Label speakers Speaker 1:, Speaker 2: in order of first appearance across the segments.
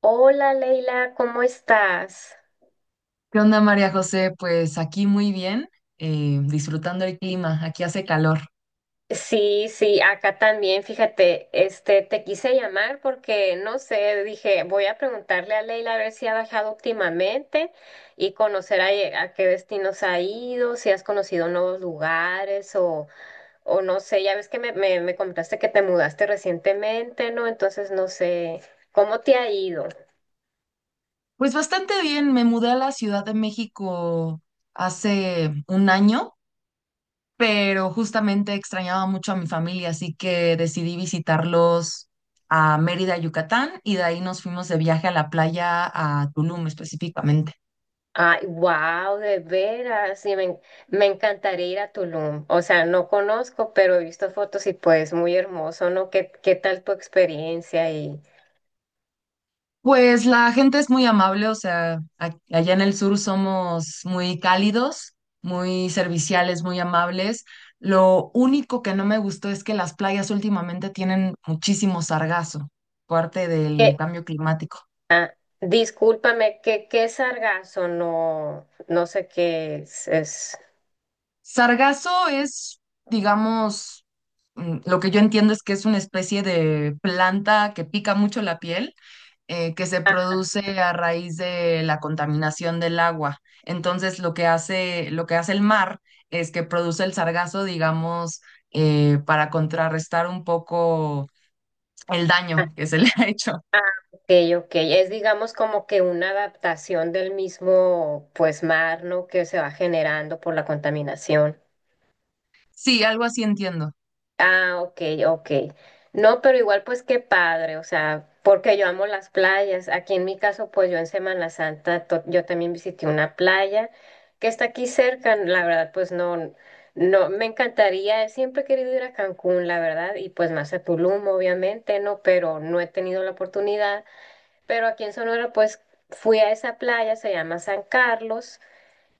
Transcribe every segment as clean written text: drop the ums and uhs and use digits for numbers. Speaker 1: Hola Leila, ¿cómo estás?
Speaker 2: ¿Qué onda, María José? Pues aquí muy bien, disfrutando el clima, aquí hace calor.
Speaker 1: Sí, sí, acá también, fíjate, te quise llamar porque, no sé, dije, voy a preguntarle a Leila a ver si ha bajado últimamente y conocer a qué destinos ha ido, si has conocido nuevos lugares o no sé, ya ves que me comentaste que te mudaste recientemente, ¿no? Entonces, no sé, ¿cómo te ha ido?
Speaker 2: Pues bastante bien, me mudé a la Ciudad de México hace un año, pero justamente extrañaba mucho a mi familia, así que decidí visitarlos a Mérida, Yucatán, y de ahí nos fuimos de viaje a la playa a Tulum específicamente.
Speaker 1: Ay, wow, de veras, sí, me, me encantaría ir a Tulum. O sea, no conozco, pero he visto fotos y pues muy hermoso, ¿no? ¿Qué tal tu experiencia? Y
Speaker 2: Pues la gente es muy amable, o sea, allá en el sur somos muy cálidos, muy serviciales, muy amables. Lo único que no me gustó es que las playas últimamente tienen muchísimo sargazo, parte del
Speaker 1: que,
Speaker 2: cambio climático.
Speaker 1: discúlpame, ¿qué es sargazo? No, no sé qué es, es.
Speaker 2: Sargazo es, digamos, lo que yo entiendo es que es una especie de planta que pica mucho la piel, que se
Speaker 1: Ah,
Speaker 2: produce a raíz de la contaminación del agua. Entonces, lo que hace el mar es que produce el sargazo, digamos, para contrarrestar un poco el daño que se le ha hecho.
Speaker 1: ok, ok. Es digamos como que una adaptación del mismo pues mar, ¿no? Que se va generando por la contaminación.
Speaker 2: Sí, algo así entiendo.
Speaker 1: Ah, ok, ok. No, pero igual pues qué padre, o sea, porque yo amo las playas. Aquí en mi caso, pues yo en Semana Santa, yo también visité una playa que está aquí cerca, la verdad, pues no, no, me encantaría, siempre he querido ir a Cancún, la verdad, y pues más a Tulum, obviamente, ¿no? Pero no he tenido la oportunidad. Pero aquí en Sonora, pues fui a esa playa, se llama San Carlos.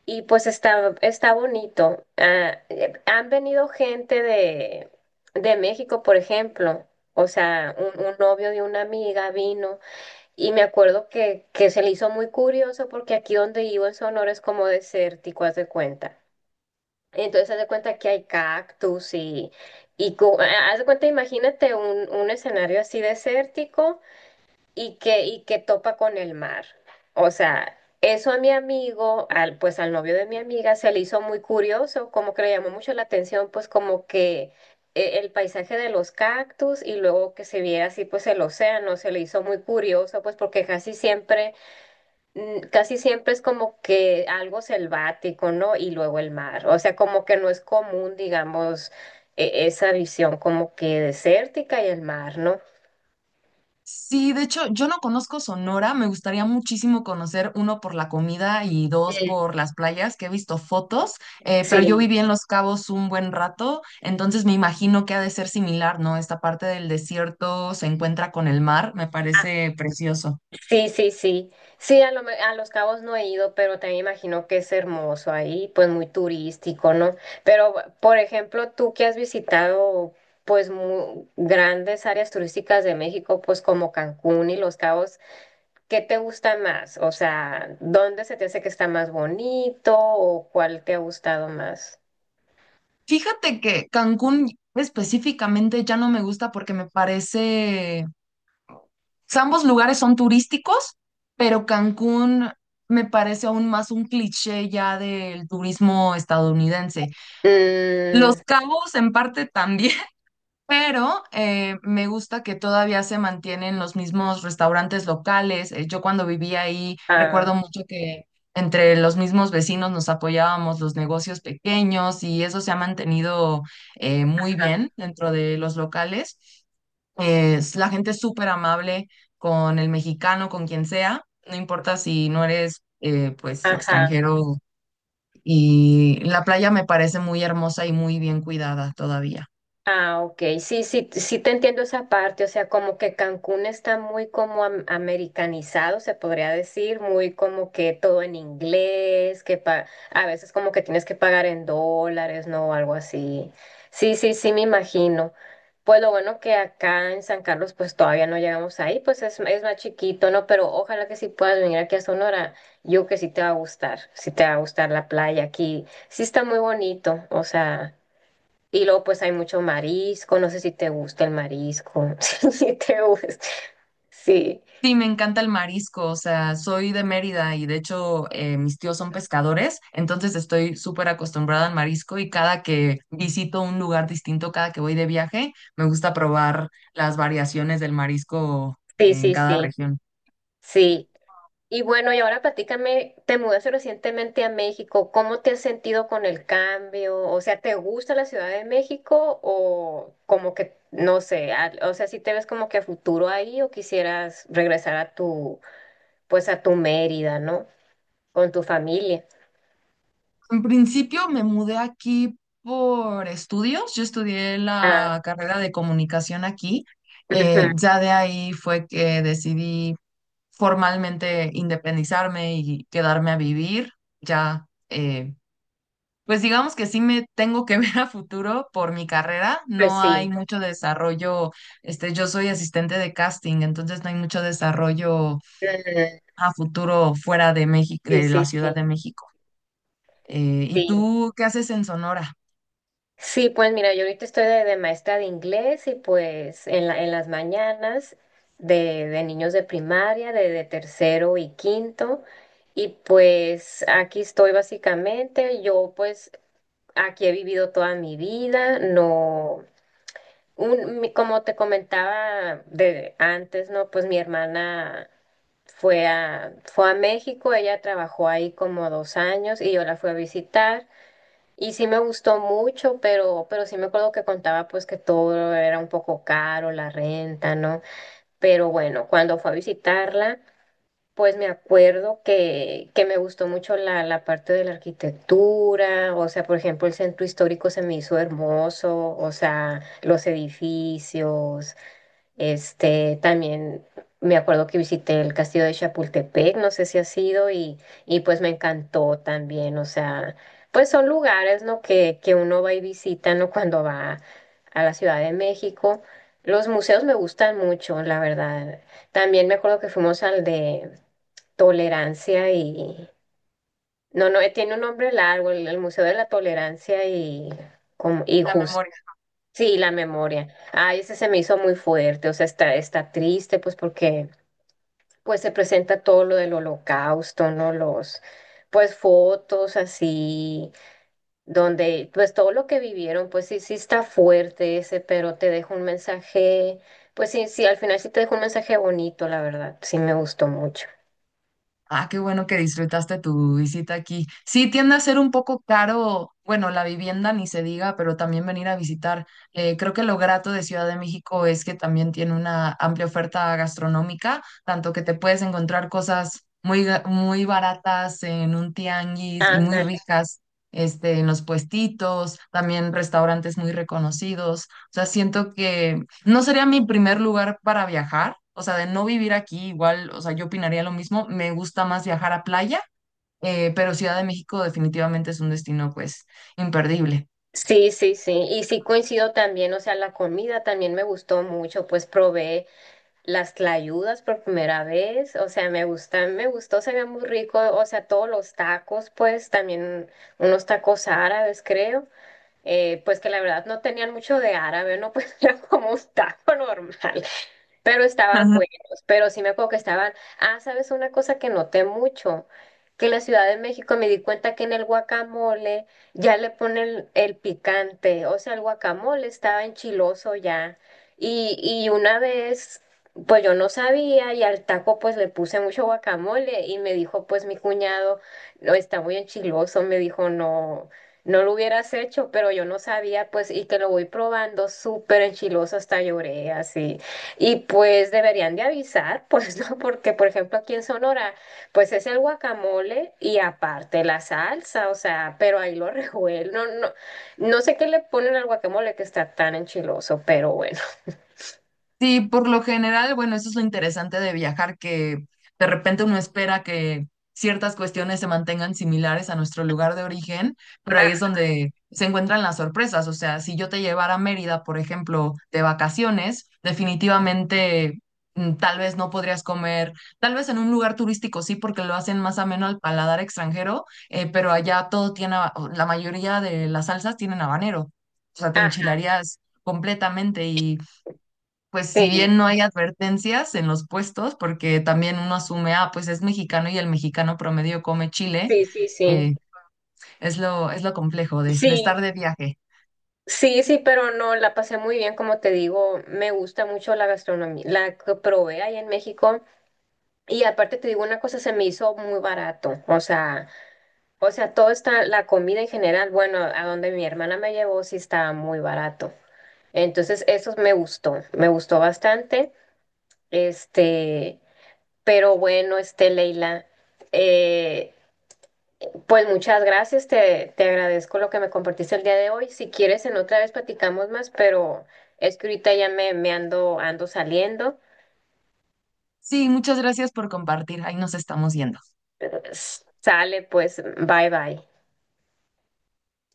Speaker 1: Y pues está, está bonito. Ah, han venido gente de México, por ejemplo. O sea, un novio de una amiga vino y me acuerdo que se le hizo muy curioso porque aquí donde vivo en Sonora es como desértico, haz de cuenta. Entonces haz de cuenta que hay cactus y haz de cuenta, imagínate un escenario así desértico y que topa con el mar. O sea, eso a mi amigo, al, pues al novio de mi amiga, se le hizo muy curioso, como que le llamó mucho la atención, pues como que el paisaje de los cactus y luego que se viera así, pues el océano, se le hizo muy curioso, pues porque casi siempre, casi siempre es como que algo selvático, ¿no? Y luego el mar. O sea, como que no es común, digamos, esa visión como que desértica y el mar, ¿no?
Speaker 2: Sí, de hecho, yo no conozco Sonora, me gustaría muchísimo conocer, uno, por la comida y dos,
Speaker 1: Sí.
Speaker 2: por las playas, que he visto fotos, pero yo
Speaker 1: Sí.
Speaker 2: viví en Los Cabos un buen rato, entonces me imagino que ha de ser similar, ¿no? Esta parte del desierto se encuentra con el mar, me parece precioso.
Speaker 1: Sí, sí, sí. Sí, a, a Los Cabos no he ido, pero también imagino que es hermoso ahí, pues muy turístico, ¿no? Pero, por ejemplo, tú que has visitado, pues, grandes áreas turísticas de México, pues como Cancún y Los Cabos, ¿qué te gusta más? O sea, ¿dónde se te hace que está más bonito o cuál te ha gustado más?
Speaker 2: Fíjate que Cancún específicamente ya no me gusta porque me parece, o sea, ambos lugares son turísticos, pero Cancún... Me parece aún más un cliché ya del turismo estadounidense. Los
Speaker 1: Mm,
Speaker 2: Cabos en parte también, pero me gusta que todavía se mantienen los mismos restaurantes locales. Yo cuando vivía ahí
Speaker 1: ah,
Speaker 2: recuerdo mucho que entre los mismos vecinos nos apoyábamos los negocios pequeños y eso se ha mantenido, muy
Speaker 1: ajá,
Speaker 2: bien dentro de los locales. Es, la gente es súper amable con el mexicano, con quien sea, no importa si no eres pues
Speaker 1: ajá.
Speaker 2: extranjero, y la playa me parece muy hermosa y muy bien cuidada todavía.
Speaker 1: Ah, ok, sí, sí, sí te entiendo esa parte, o sea, como que Cancún está muy como americanizado, se podría decir, muy como que todo en inglés, a veces como que tienes que pagar en dólares, ¿no? O algo así. Sí, sí, sí, me imagino. Pues lo bueno que acá en San Carlos pues todavía no llegamos ahí, pues es más chiquito, ¿no? Pero ojalá que sí puedas venir aquí a Sonora, yo que sí te va a gustar, sí te va a gustar la playa aquí, sí está muy bonito, o sea... Y luego pues hay mucho marisco, no sé si te gusta el marisco, si te gusta. Sí,
Speaker 2: Sí, me encanta el marisco, o sea, soy de Mérida y de hecho mis tíos son pescadores, entonces estoy súper acostumbrada al marisco y cada que visito un lugar distinto, cada que voy de viaje, me gusta probar las variaciones del marisco
Speaker 1: sí,
Speaker 2: en
Speaker 1: sí,
Speaker 2: cada
Speaker 1: sí,
Speaker 2: región.
Speaker 1: sí. Y bueno, y ahora platícame, te mudaste recientemente a México, ¿cómo te has sentido con el cambio? O sea, ¿te gusta la Ciudad de México o como que, no sé, o sea, si te ves como que a futuro ahí o quisieras regresar a tu, pues a tu Mérida, ¿no? Con tu familia.
Speaker 2: En principio me mudé aquí por estudios, yo estudié
Speaker 1: Ah,
Speaker 2: la carrera de comunicación aquí,
Speaker 1: ujú.
Speaker 2: ya de ahí fue que decidí formalmente independizarme y quedarme a vivir. Ya, pues digamos que sí me tengo que ver a futuro por mi carrera.
Speaker 1: Pues
Speaker 2: No hay
Speaker 1: sí.
Speaker 2: mucho desarrollo. Este, yo soy asistente de casting, entonces no hay mucho desarrollo
Speaker 1: Ujú.
Speaker 2: a futuro fuera de México,
Speaker 1: Sí,
Speaker 2: de la
Speaker 1: sí,
Speaker 2: Ciudad de
Speaker 1: sí,
Speaker 2: México. ¿Y
Speaker 1: sí.
Speaker 2: tú qué haces en Sonora?
Speaker 1: Sí, pues mira, yo ahorita estoy de maestra de inglés y pues en en las mañanas de niños de primaria, de tercero y quinto, y pues aquí estoy básicamente, yo pues aquí he vivido toda mi vida, no, como te comentaba de antes, ¿no? Pues mi hermana fue a, fue a México, ella trabajó ahí como dos años y yo la fui a visitar. Y sí me gustó mucho, pero sí me acuerdo que contaba pues que todo era un poco caro, la renta, ¿no? Pero bueno, cuando fue a visitarla, pues me acuerdo que me gustó mucho la, la parte de la arquitectura, o sea, por ejemplo, el centro histórico se me hizo hermoso, o sea, los edificios, también me acuerdo que visité el Castillo de Chapultepec, no sé si ha sido, y pues me encantó también, o sea, pues son lugares, ¿no? Que uno va y visita, ¿no? cuando va a la Ciudad de México. Los museos me gustan mucho, la verdad. También me acuerdo que fuimos al de Tolerancia y... No, no, tiene un nombre largo, el Museo de la Tolerancia y, como, y
Speaker 2: La memoria.
Speaker 1: sí, la memoria. Ay, ese se me hizo muy fuerte, o sea, está, está triste, pues porque pues se presenta todo lo del Holocausto, ¿no? Los, pues fotos así, donde, pues todo lo que vivieron, pues sí, sí está fuerte ese, pero te dejo un mensaje, pues sí, sí, al final sí te dejo un mensaje bonito, la verdad, sí me gustó mucho.
Speaker 2: Ah, qué bueno que disfrutaste tu visita aquí. Sí, tiende a ser un poco caro, bueno, la vivienda ni se diga, pero también venir a visitar. Creo que lo grato de Ciudad de México es que también tiene una amplia oferta gastronómica, tanto que te puedes encontrar cosas muy, muy baratas en un tianguis y muy
Speaker 1: Ándale.
Speaker 2: ricas, este, en los puestitos, también restaurantes muy reconocidos. O sea, siento que no sería mi primer lugar para viajar, o sea, de no vivir aquí igual, o sea, yo opinaría lo mismo, me gusta más viajar a playa, pero Ciudad de México definitivamente es un destino, pues, imperdible.
Speaker 1: Sí, sí, sí. Y sí coincido también, o sea, la comida también me gustó mucho, pues probé. Las tlayudas por primera vez, o sea, me gustan, me gustó, se veía muy rico, o sea, todos los tacos, pues también unos tacos árabes, creo, pues que la verdad no tenían mucho de árabe, no pues era como un taco normal, pero estaban buenos, pero sí me acuerdo que estaban, ah, sabes una cosa que noté mucho, que en la Ciudad de México me di cuenta que en el guacamole ya le ponen el picante, o sea, el guacamole estaba enchiloso ya, y una vez... Pues yo no sabía y al taco pues le puse mucho guacamole y me dijo pues mi cuñado, no, está muy enchiloso, me dijo, no, no lo hubieras hecho, pero yo no sabía, pues, y que lo voy probando súper enchiloso, hasta lloré así. Y pues deberían de avisar, pues, ¿no? Porque, por ejemplo, aquí en Sonora, pues es el guacamole y aparte la salsa, o sea, pero ahí lo revuelven. No, no, no sé qué le ponen al guacamole que está tan enchiloso, pero bueno.
Speaker 2: Sí, por lo general, bueno, eso es lo interesante de viajar, que de repente uno espera que ciertas cuestiones se mantengan similares a nuestro lugar de origen, pero ahí
Speaker 1: Ajá,
Speaker 2: es donde se encuentran las sorpresas. O sea, si yo te llevara a Mérida, por ejemplo, de vacaciones, definitivamente tal vez no podrías comer, tal vez en un lugar turístico sí, porque lo hacen más ameno al paladar extranjero, pero allá todo tiene, o la mayoría de las salsas tienen habanero. O sea, te
Speaker 1: ajá,
Speaker 2: enchilarías completamente, pues si
Speaker 1: sí,
Speaker 2: bien no hay advertencias en los puestos, porque también uno asume, ah, pues es mexicano y el mexicano promedio come chile,
Speaker 1: sí, sí, sí.
Speaker 2: eh, es lo complejo de
Speaker 1: Sí,
Speaker 2: estar de viaje.
Speaker 1: sí, sí, pero no, la pasé muy bien, como te digo, me gusta mucho la gastronomía, la que probé ahí en México. Y aparte te digo una cosa, se me hizo muy barato. O sea, todo está, la comida en general, bueno, a donde mi hermana me llevó sí estaba muy barato. Entonces, eso me gustó bastante. Este, pero bueno, Leila, eh, pues muchas gracias, te agradezco lo que me compartiste el día de hoy. Si quieres, en otra vez platicamos más, pero es que ahorita ya me ando, ando saliendo.
Speaker 2: Sí, muchas gracias por compartir. Ahí nos estamos yendo.
Speaker 1: Sale, pues, bye bye.